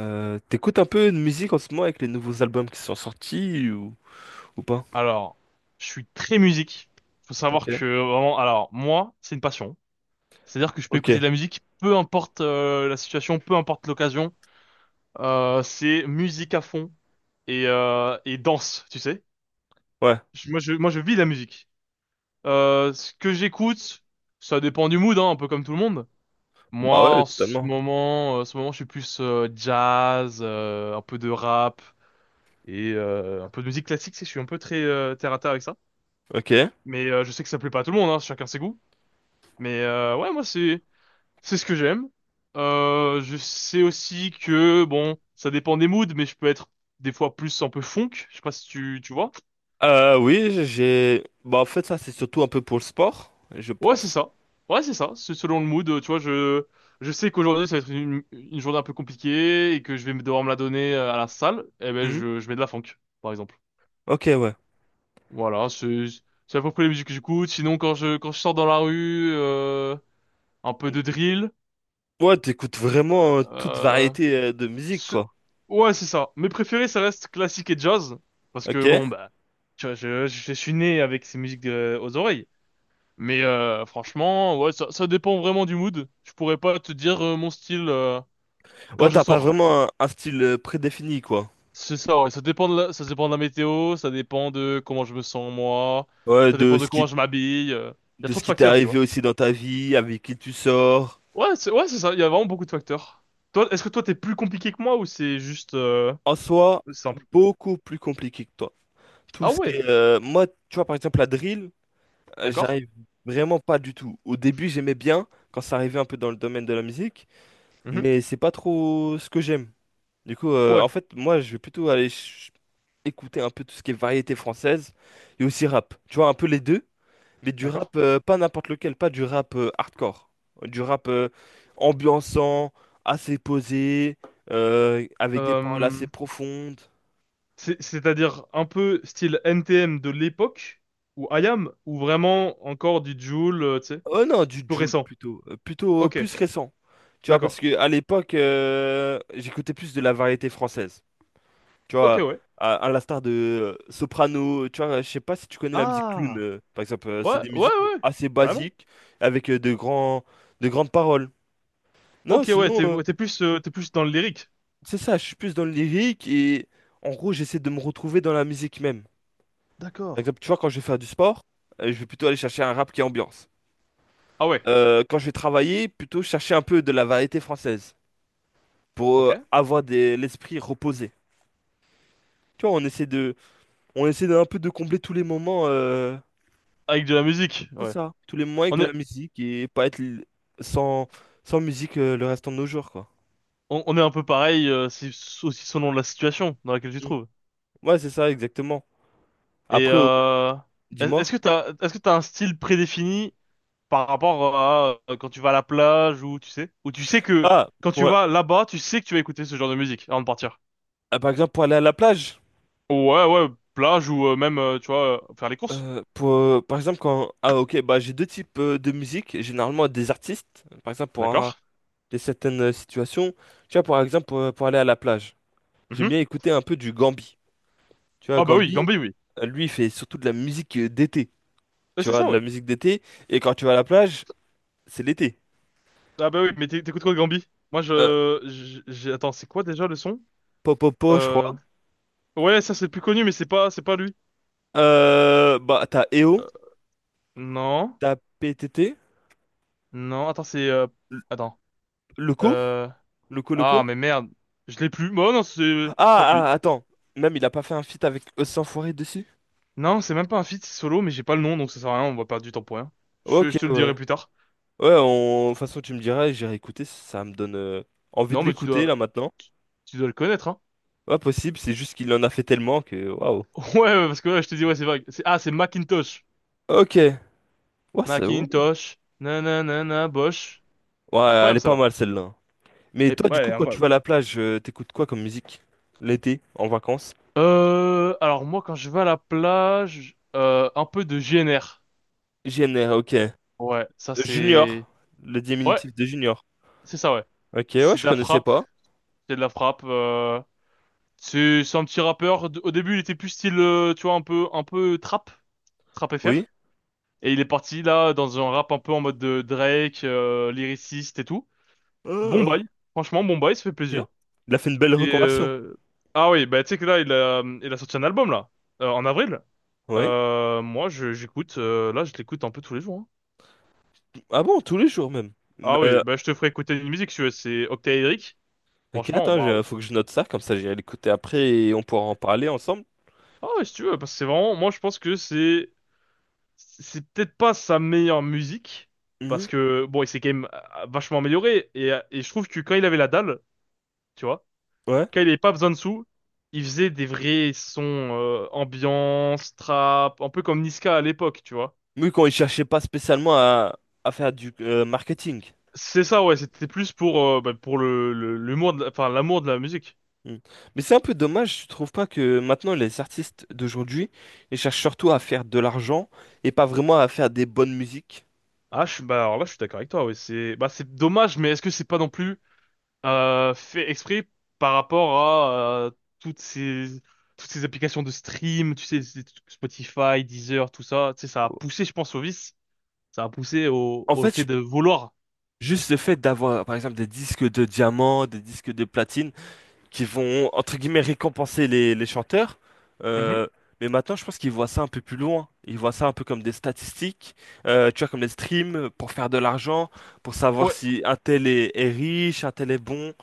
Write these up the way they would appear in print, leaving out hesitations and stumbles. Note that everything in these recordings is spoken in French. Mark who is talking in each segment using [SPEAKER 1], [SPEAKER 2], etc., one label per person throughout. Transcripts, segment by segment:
[SPEAKER 1] T'écoutes un peu de musique en ce moment avec les nouveaux albums qui sont sortis ou pas?
[SPEAKER 2] Alors, je suis très musique. Faut
[SPEAKER 1] Ok.
[SPEAKER 2] savoir que vraiment, alors moi, c'est une passion. C'est-à-dire que je peux
[SPEAKER 1] Ok,
[SPEAKER 2] écouter de la musique, peu importe la situation, peu importe l'occasion. C'est musique à fond et danse, tu sais.
[SPEAKER 1] ouais.
[SPEAKER 2] Moi, je vis la musique. Ce que j'écoute, ça dépend du mood, hein, un peu comme tout le monde. Moi,
[SPEAKER 1] Bah ouais,
[SPEAKER 2] en ce
[SPEAKER 1] totalement.
[SPEAKER 2] moment, je suis plus jazz, un peu de rap et un peu de musique classique. Je suis un peu très terre à terre avec ça.
[SPEAKER 1] Ok.
[SPEAKER 2] Mais je sais que ça plaît pas à tout le monde, hein, chacun ses goûts. Mais ouais, moi c'est ce que j'aime. Je sais aussi que bon, ça dépend des moods, mais je peux être des fois plus un peu funk. Je sais pas si tu vois.
[SPEAKER 1] Oui, j'ai... Bah en fait, ça, c'est surtout un peu pour le sport, je
[SPEAKER 2] Ouais, c'est
[SPEAKER 1] pense.
[SPEAKER 2] ça. Ouais, c'est ça. C'est selon le mood. Tu vois, je sais qu'aujourd'hui ça va être une journée un peu compliquée et que je vais devoir me la donner à la salle. Eh ben,
[SPEAKER 1] Mhm.
[SPEAKER 2] je mets de la funk, par exemple.
[SPEAKER 1] Ok, ouais.
[SPEAKER 2] Voilà, c'est à peu près les musiques que j'écoute. Sinon, quand je sors dans la rue, un peu de drill.
[SPEAKER 1] Ouais, t'écoutes vraiment toute
[SPEAKER 2] Euh,
[SPEAKER 1] variété de musique,
[SPEAKER 2] Ce-
[SPEAKER 1] quoi.
[SPEAKER 2] Ouais, c'est ça. Mes préférés, ça reste classique et jazz. Parce
[SPEAKER 1] Ok.
[SPEAKER 2] que, bon, bah, tu vois, je suis né avec ces musiques aux oreilles. Mais franchement, ouais, ça dépend vraiment du mood. Je pourrais pas te dire mon style quand
[SPEAKER 1] Ouais,
[SPEAKER 2] je
[SPEAKER 1] t'as pas
[SPEAKER 2] sors.
[SPEAKER 1] vraiment un style prédéfini, quoi.
[SPEAKER 2] C'est ça, ouais. Ça dépend de la météo, ça dépend de comment je me sens moi,
[SPEAKER 1] Ouais,
[SPEAKER 2] ça
[SPEAKER 1] de
[SPEAKER 2] dépend de
[SPEAKER 1] ce
[SPEAKER 2] comment
[SPEAKER 1] qui,
[SPEAKER 2] je m'habille. Il y a
[SPEAKER 1] de
[SPEAKER 2] trop
[SPEAKER 1] ce
[SPEAKER 2] de
[SPEAKER 1] qui t'est
[SPEAKER 2] facteurs, tu
[SPEAKER 1] arrivé
[SPEAKER 2] vois.
[SPEAKER 1] aussi dans ta vie, avec qui tu sors.
[SPEAKER 2] Ouais, c'est ça. Il y a vraiment beaucoup de facteurs. Toi, est-ce que toi, t'es plus compliqué que moi ou c'est juste
[SPEAKER 1] En soi,
[SPEAKER 2] simple?
[SPEAKER 1] beaucoup plus compliqué que toi. Tout
[SPEAKER 2] Ah
[SPEAKER 1] ce qui
[SPEAKER 2] ouais,
[SPEAKER 1] est, moi, tu vois, par exemple, la drill,
[SPEAKER 2] d'accord.
[SPEAKER 1] j'arrive vraiment pas du tout. Au début, j'aimais bien quand ça arrivait un peu dans le domaine de la musique,
[SPEAKER 2] Mhm.
[SPEAKER 1] mais c'est pas trop ce que j'aime. Du coup, en
[SPEAKER 2] Ouais,
[SPEAKER 1] fait, moi, je vais plutôt écouter un peu tout ce qui est variété française et aussi rap. Tu vois, un peu les deux, mais du
[SPEAKER 2] d'accord.
[SPEAKER 1] rap, pas n'importe lequel, pas du rap hardcore. Du rap ambiançant, assez posé, avec des
[SPEAKER 2] Euh,
[SPEAKER 1] paroles assez profondes.
[SPEAKER 2] C'est-à-dire un peu style NTM de l'époque, ou IAM, ou vraiment encore du Joule, tu sais,
[SPEAKER 1] Oh non, du
[SPEAKER 2] plus
[SPEAKER 1] Joule
[SPEAKER 2] récent.
[SPEAKER 1] plutôt. Plutôt
[SPEAKER 2] Ok,
[SPEAKER 1] plus récent. Tu vois, parce
[SPEAKER 2] d'accord.
[SPEAKER 1] que à l'époque, j'écoutais plus de la variété française. Tu
[SPEAKER 2] Ok,
[SPEAKER 1] vois,
[SPEAKER 2] ouais.
[SPEAKER 1] à l'instar de Soprano. Tu vois, je sais pas si tu connais la musique clown,
[SPEAKER 2] Ah,
[SPEAKER 1] par exemple. C'est
[SPEAKER 2] ouais,
[SPEAKER 1] des
[SPEAKER 2] ouais,
[SPEAKER 1] musiques
[SPEAKER 2] ouais,
[SPEAKER 1] assez
[SPEAKER 2] carrément.
[SPEAKER 1] basiques avec de grandes paroles. Non,
[SPEAKER 2] Ok, ouais,
[SPEAKER 1] sinon,
[SPEAKER 2] t'es ouais, t'es plus dans le lyrique.
[SPEAKER 1] c'est ça. Je suis plus dans le lyrique et en gros, j'essaie de me retrouver dans la musique même.
[SPEAKER 2] D'accord.
[SPEAKER 1] Par exemple, tu vois, quand je vais faire du sport, je vais plutôt aller chercher un rap qui est ambiance.
[SPEAKER 2] Ah ouais,
[SPEAKER 1] Quand je vais travailler, plutôt chercher un peu de la variété française, pour
[SPEAKER 2] ok.
[SPEAKER 1] l'esprit reposé. Tu vois, on essaie d'un peu de combler tous les moments,
[SPEAKER 2] Avec de la musique,
[SPEAKER 1] c'est
[SPEAKER 2] ouais.
[SPEAKER 1] ça, tous les moments avec
[SPEAKER 2] On
[SPEAKER 1] de
[SPEAKER 2] est,
[SPEAKER 1] la musique et pas être l- sans, sans musique le restant de nos jours, quoi.
[SPEAKER 2] on est un peu pareil, c'est aussi selon la situation dans laquelle tu te
[SPEAKER 1] Mm.
[SPEAKER 2] trouves.
[SPEAKER 1] Ouais, c'est ça, exactement.
[SPEAKER 2] Et
[SPEAKER 1] Après, dis-moi.
[SPEAKER 2] est-ce que t'as, un style prédéfini par rapport à quand tu vas à la plage ou tu sais que
[SPEAKER 1] Ah,
[SPEAKER 2] quand tu
[SPEAKER 1] pour-
[SPEAKER 2] vas là-bas, tu sais que tu vas écouter ce genre de musique avant de partir.
[SPEAKER 1] ah, par exemple, pour aller à la plage,
[SPEAKER 2] Ouais, ouais, plage ou même, tu vois, faire les courses.
[SPEAKER 1] pour, par exemple, quand, ah, ok, bah, j'ai deux types de musique, généralement des artistes, par exemple,
[SPEAKER 2] D'accord.
[SPEAKER 1] des certaines situations. Tu vois, par exemple, pour aller à la plage, j'aime
[SPEAKER 2] Mhm.
[SPEAKER 1] bien écouter un peu du Gambi. Tu vois,
[SPEAKER 2] Ah bah oui,
[SPEAKER 1] Gambi.
[SPEAKER 2] Gambi, oui.
[SPEAKER 1] Lui, il fait surtout de la musique d'été. Tu
[SPEAKER 2] C'est
[SPEAKER 1] vois,
[SPEAKER 2] ça,
[SPEAKER 1] de la
[SPEAKER 2] ouais.
[SPEAKER 1] musique d'été. Et quand tu vas à la plage, c'est l'été.
[SPEAKER 2] Ah bah oui, mais t'écoutes quoi de Gambi? Moi,
[SPEAKER 1] Euh,
[SPEAKER 2] j'ai, attends, c'est quoi déjà le son?
[SPEAKER 1] Popopo, je crois.
[SPEAKER 2] Euh, ouais, ça c'est le plus connu, mais c'est pas lui.
[SPEAKER 1] Bah, t'as EO,
[SPEAKER 2] Euh, non,
[SPEAKER 1] t'as PTT,
[SPEAKER 2] non, attends,
[SPEAKER 1] L-
[SPEAKER 2] attends,
[SPEAKER 1] Loco,
[SPEAKER 2] euh, ah
[SPEAKER 1] Loco.
[SPEAKER 2] mais merde, je l'ai plus. Bon, non, tant
[SPEAKER 1] Ah,
[SPEAKER 2] pis.
[SPEAKER 1] Attends. Même, il a pas fait un feat avec Os Sans Foiret dessus?
[SPEAKER 2] Non, c'est même pas un feat, c'est solo, mais j'ai pas le nom, donc ça sert à rien, on va perdre du temps pour rien. Je,
[SPEAKER 1] Ok,
[SPEAKER 2] je te le
[SPEAKER 1] ouais.
[SPEAKER 2] dirai plus tard.
[SPEAKER 1] De toute façon, tu me diras, j'irai écouter. Ça me donne envie de
[SPEAKER 2] Non, mais
[SPEAKER 1] l'écouter, là, maintenant.
[SPEAKER 2] tu dois le connaître, hein.
[SPEAKER 1] Ouais, possible. C'est juste qu'il en a fait tellement que... Waouh.
[SPEAKER 2] Ouais, ouais, parce que ouais, je te dis, ouais, c'est vague. C'est Macintosh.
[SPEAKER 1] Ok. Ouais, c'est... Ouais.
[SPEAKER 2] Macintosh. Nanana, Bosch.
[SPEAKER 1] Ouais, elle
[SPEAKER 2] Incroyable,
[SPEAKER 1] est
[SPEAKER 2] ça,
[SPEAKER 1] pas
[SPEAKER 2] là.
[SPEAKER 1] mal, celle-là. Mais
[SPEAKER 2] Et-
[SPEAKER 1] toi, du
[SPEAKER 2] ouais,
[SPEAKER 1] coup, quand tu vas
[SPEAKER 2] incroyable.
[SPEAKER 1] à la plage, t'écoutes quoi comme musique? L'été, en vacances?
[SPEAKER 2] Alors moi, quand je vais à la plage, un peu de GNR.
[SPEAKER 1] JNR, ok.
[SPEAKER 2] Ouais, ça c'est.
[SPEAKER 1] Junior, le
[SPEAKER 2] Ouais,
[SPEAKER 1] diminutif de Junior.
[SPEAKER 2] c'est ça, ouais.
[SPEAKER 1] Ok, ouais,
[SPEAKER 2] C'est
[SPEAKER 1] je
[SPEAKER 2] de la
[SPEAKER 1] connaissais
[SPEAKER 2] frappe,
[SPEAKER 1] pas.
[SPEAKER 2] c'est de la frappe. C'est un petit rappeur. Au début, il était plus style, tu vois, un peu trap,
[SPEAKER 1] Oui.
[SPEAKER 2] FR. Et il est parti là dans un rap un peu en mode de Drake, lyriciste et tout. Bon
[SPEAKER 1] Ah,
[SPEAKER 2] bail, franchement bon bail, ça fait
[SPEAKER 1] ok.
[SPEAKER 2] plaisir.
[SPEAKER 1] Il a fait une belle
[SPEAKER 2] Et
[SPEAKER 1] reconversion.
[SPEAKER 2] euh, ah oui, bah tu sais que là il a sorti un album là en avril.
[SPEAKER 1] Oui.
[SPEAKER 2] Moi je j'écoute là je l'écoute un peu tous les jours, hein.
[SPEAKER 1] Ah bon, tous les jours même.
[SPEAKER 2] Ah oui,
[SPEAKER 1] Euh,
[SPEAKER 2] bah je te ferai écouter une musique si tu veux, c'est Octaédrique.
[SPEAKER 1] ok,
[SPEAKER 2] Franchement
[SPEAKER 1] attends,
[SPEAKER 2] waouh.
[SPEAKER 1] faut que je note ça, comme ça j'irai l'écouter après et on pourra en parler ensemble.
[SPEAKER 2] Ah ouais, si tu veux parce que c'est vraiment moi je pense que c'est peut-être pas sa meilleure musique
[SPEAKER 1] Mhm.
[SPEAKER 2] parce que bon il s'est quand même vachement amélioré et je trouve que quand il avait la dalle, tu vois
[SPEAKER 1] Ouais.
[SPEAKER 2] quand il n'y avait pas besoin de sous, il faisait des vrais sons ambiance, trap, un peu comme Niska à l'époque, tu vois.
[SPEAKER 1] Oui, quand il cherchait pas spécialement à faire du marketing.
[SPEAKER 2] C'est ça, ouais, c'était plus pour l'humour enfin, l'amour de la musique.
[SPEAKER 1] Mm. Mais c'est un peu dommage, tu trouves pas que maintenant les artistes d'aujourd'hui, ils cherchent surtout à faire de l'argent et pas vraiment à faire des bonnes musiques.
[SPEAKER 2] Ah, bah, alors là, je suis d'accord avec toi, ouais, bah, c'est dommage, mais est-ce que c'est pas non plus, fait exprès par rapport à, euh, toutes ces, toutes ces applications de stream, tu sais, Spotify, Deezer, tout ça, tu sais, ça a poussé, je pense, au vice, ça a poussé
[SPEAKER 1] En
[SPEAKER 2] au
[SPEAKER 1] fait, je-
[SPEAKER 2] fait de vouloir.
[SPEAKER 1] Juste le fait d'avoir, par exemple, des disques de diamant, des disques de platine, qui vont, entre guillemets, récompenser les chanteurs.
[SPEAKER 2] Mhm.
[SPEAKER 1] euh, mais maintenant, je pense qu'ils voient ça un peu plus loin. Ils voient ça un peu comme des statistiques, tu vois, comme des streams pour faire de l'argent, pour savoir
[SPEAKER 2] Ouais.
[SPEAKER 1] si un tel est riche, un tel est bon.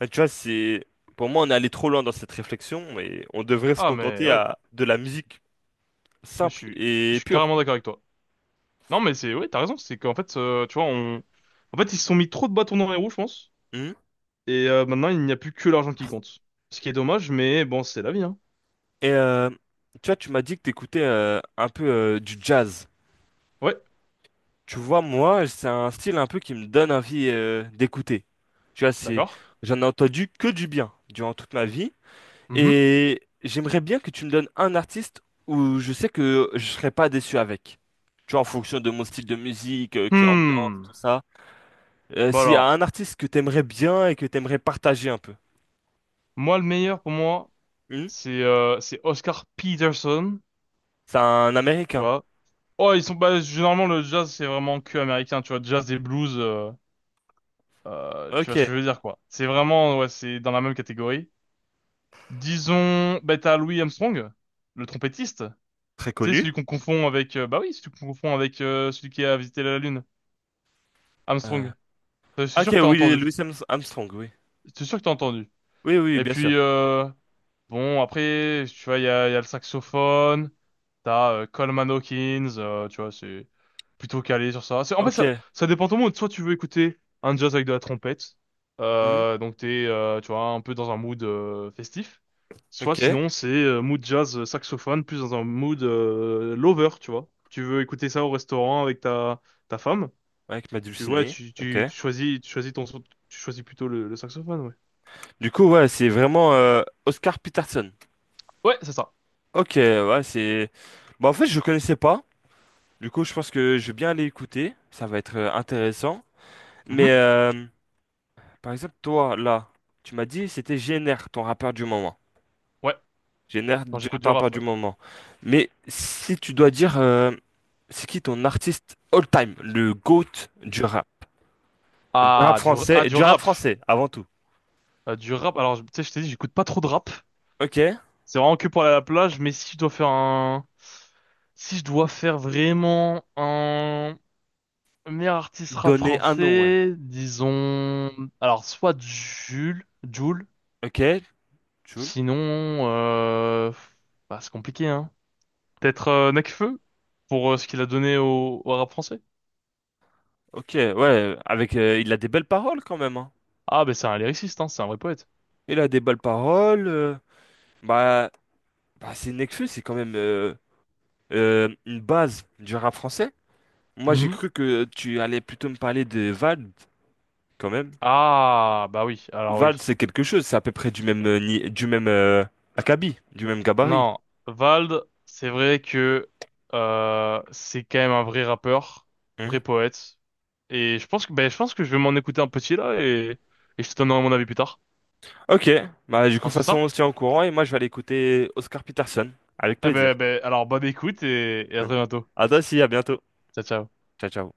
[SPEAKER 1] Ah, tu vois, c'est pour moi, on est allé trop loin dans cette réflexion et on devrait se
[SPEAKER 2] Ah, mais
[SPEAKER 1] contenter
[SPEAKER 2] oui.
[SPEAKER 1] à de la musique
[SPEAKER 2] Mais
[SPEAKER 1] simple
[SPEAKER 2] je
[SPEAKER 1] et
[SPEAKER 2] suis
[SPEAKER 1] pure.
[SPEAKER 2] carrément d'accord avec toi. Non, mais ouais, t'as raison, c'est qu'en fait, tu vois, en fait, ils se sont mis trop de bâtons dans les roues, je pense.
[SPEAKER 1] Mhm.
[SPEAKER 2] Et maintenant, il n'y a plus que l'argent qui compte. Ce qui est dommage, mais bon, c'est la vie, hein.
[SPEAKER 1] Et tu vois, tu m'as dit que t'écoutais un peu du jazz.
[SPEAKER 2] Ouais,
[SPEAKER 1] Tu vois, moi, c'est un style un peu qui me donne envie d'écouter. Tu vois, c'est
[SPEAKER 2] d'accord.
[SPEAKER 1] J'en ai entendu que du bien durant toute ma vie
[SPEAKER 2] Mhm.
[SPEAKER 1] et j'aimerais bien que tu me donnes un artiste où je sais que je serais pas déçu avec. Tu vois, en fonction de mon style de musique, qui ambiance,
[SPEAKER 2] Hmm.
[SPEAKER 1] tout ça.
[SPEAKER 2] Bon
[SPEAKER 1] S'il y a
[SPEAKER 2] alors,
[SPEAKER 1] un artiste que t'aimerais bien et que t'aimerais partager un peu.
[SPEAKER 2] moi, le meilleur pour moi,
[SPEAKER 1] Hmm.
[SPEAKER 2] c'est Oscar Peterson,
[SPEAKER 1] C'est un
[SPEAKER 2] tu
[SPEAKER 1] Américain.
[SPEAKER 2] vois. Oh, ils sont pas, généralement, le jazz, c'est vraiment que américain, tu vois, jazz et blues, tu vois ce
[SPEAKER 1] Ok.
[SPEAKER 2] que je veux dire, quoi. C'est vraiment, ouais, c'est dans la même catégorie. Disons, bah t'as Louis Armstrong, le trompettiste.
[SPEAKER 1] Très
[SPEAKER 2] C'est
[SPEAKER 1] connu.
[SPEAKER 2] celui qu'on confond avec, bah oui, celui qu'on confond avec celui qui a visité la Lune,
[SPEAKER 1] Euh,
[SPEAKER 2] Armstrong. Je suis sûr
[SPEAKER 1] Ok,
[SPEAKER 2] que t'as
[SPEAKER 1] oui,
[SPEAKER 2] entendu.
[SPEAKER 1] Louis Armstrong, oui.
[SPEAKER 2] Je suis sûr que t'as entendu.
[SPEAKER 1] Oui, oui,
[SPEAKER 2] Et
[SPEAKER 1] bien sûr.
[SPEAKER 2] puis, bon, après, tu vois, il y a le saxophone. T'as Coleman Hawkins, tu vois, c'est plutôt calé sur ça. En fait,
[SPEAKER 1] Ok.
[SPEAKER 2] ça dépend ton mood. Soit tu veux écouter un jazz avec de la trompette,
[SPEAKER 1] Hmm.
[SPEAKER 2] donc t'es, tu vois, un peu dans un mood festif. Soit
[SPEAKER 1] Ok.
[SPEAKER 2] sinon, c'est mood jazz, saxophone, plus dans un mood lover, tu vois. Tu veux écouter ça au restaurant avec ta femme,
[SPEAKER 1] Avec ma
[SPEAKER 2] tu vois,
[SPEAKER 1] dulcinée. Ok.
[SPEAKER 2] tu choisis, tu choisis plutôt le saxophone, ouais.
[SPEAKER 1] Du coup, ouais, c'est vraiment Oscar Peterson.
[SPEAKER 2] Ouais, c'est ça.
[SPEAKER 1] Ok, ouais, c'est... Bah, en fait, je connaissais pas. Du coup, je pense que je vais bien aller écouter. Ça va être intéressant. Mais,
[SPEAKER 2] Mhm.
[SPEAKER 1] par exemple, toi, là, tu m'as dit, c'était GNR, ton rappeur du moment.
[SPEAKER 2] Ouais,
[SPEAKER 1] J'ai l'air
[SPEAKER 2] quand
[SPEAKER 1] du
[SPEAKER 2] j'écoute du
[SPEAKER 1] temps, pas
[SPEAKER 2] rap,
[SPEAKER 1] du
[SPEAKER 2] ouais.
[SPEAKER 1] moment. Mais si tu dois dire, c'est qui ton artiste all-time, le GOAT du rap?
[SPEAKER 2] Ah, du
[SPEAKER 1] Du rap
[SPEAKER 2] rap.
[SPEAKER 1] français, avant tout.
[SPEAKER 2] Ah, du rap, alors, tu sais, je t'ai dit, j'écoute pas trop de rap.
[SPEAKER 1] Ok?
[SPEAKER 2] C'est vraiment que pour aller à la plage, mais si je dois faire un. Si je dois faire vraiment un meilleur artiste rap
[SPEAKER 1] Donner un nom, ouais.
[SPEAKER 2] français, disons. Alors, soit Jules, Jules
[SPEAKER 1] Ok? Jul.
[SPEAKER 2] sinon. Bah, c'est compliqué, hein. Peut-être Nekfeu, pour ce qu'il a donné au rap français.
[SPEAKER 1] Ok, ouais, avec, il a des belles paroles quand même, hein.
[SPEAKER 2] Ah, ben c'est un lyriciste, hein, c'est un vrai poète.
[SPEAKER 1] Il a des belles paroles. Bah, Bah c'est Nekfeu, c'est quand même une base du rap français. Moi, j'ai
[SPEAKER 2] Mhm.
[SPEAKER 1] cru que tu allais plutôt me parler de Vald, quand même.
[SPEAKER 2] Ah, bah oui, alors
[SPEAKER 1] Val,
[SPEAKER 2] oui.
[SPEAKER 1] c'est quelque chose, c'est à peu près du même, du même acabit, du même gabarit.
[SPEAKER 2] Non, Vald, c'est vrai que c'est quand même un vrai rappeur,
[SPEAKER 1] Hmm.
[SPEAKER 2] vrai poète. Et je pense que je vais m'en écouter un petit là et je te donnerai mon avis plus tard.
[SPEAKER 1] Ok, bah du coup,
[SPEAKER 2] On
[SPEAKER 1] de toute
[SPEAKER 2] se fait
[SPEAKER 1] façon,
[SPEAKER 2] ça?
[SPEAKER 1] on se tient au courant et moi, je vais aller écouter Oscar Peterson. Avec
[SPEAKER 2] Eh
[SPEAKER 1] plaisir.
[SPEAKER 2] ben alors bonne écoute et à très bientôt.
[SPEAKER 1] À toi aussi, à bientôt.
[SPEAKER 2] Ciao ciao.
[SPEAKER 1] Ciao, ciao.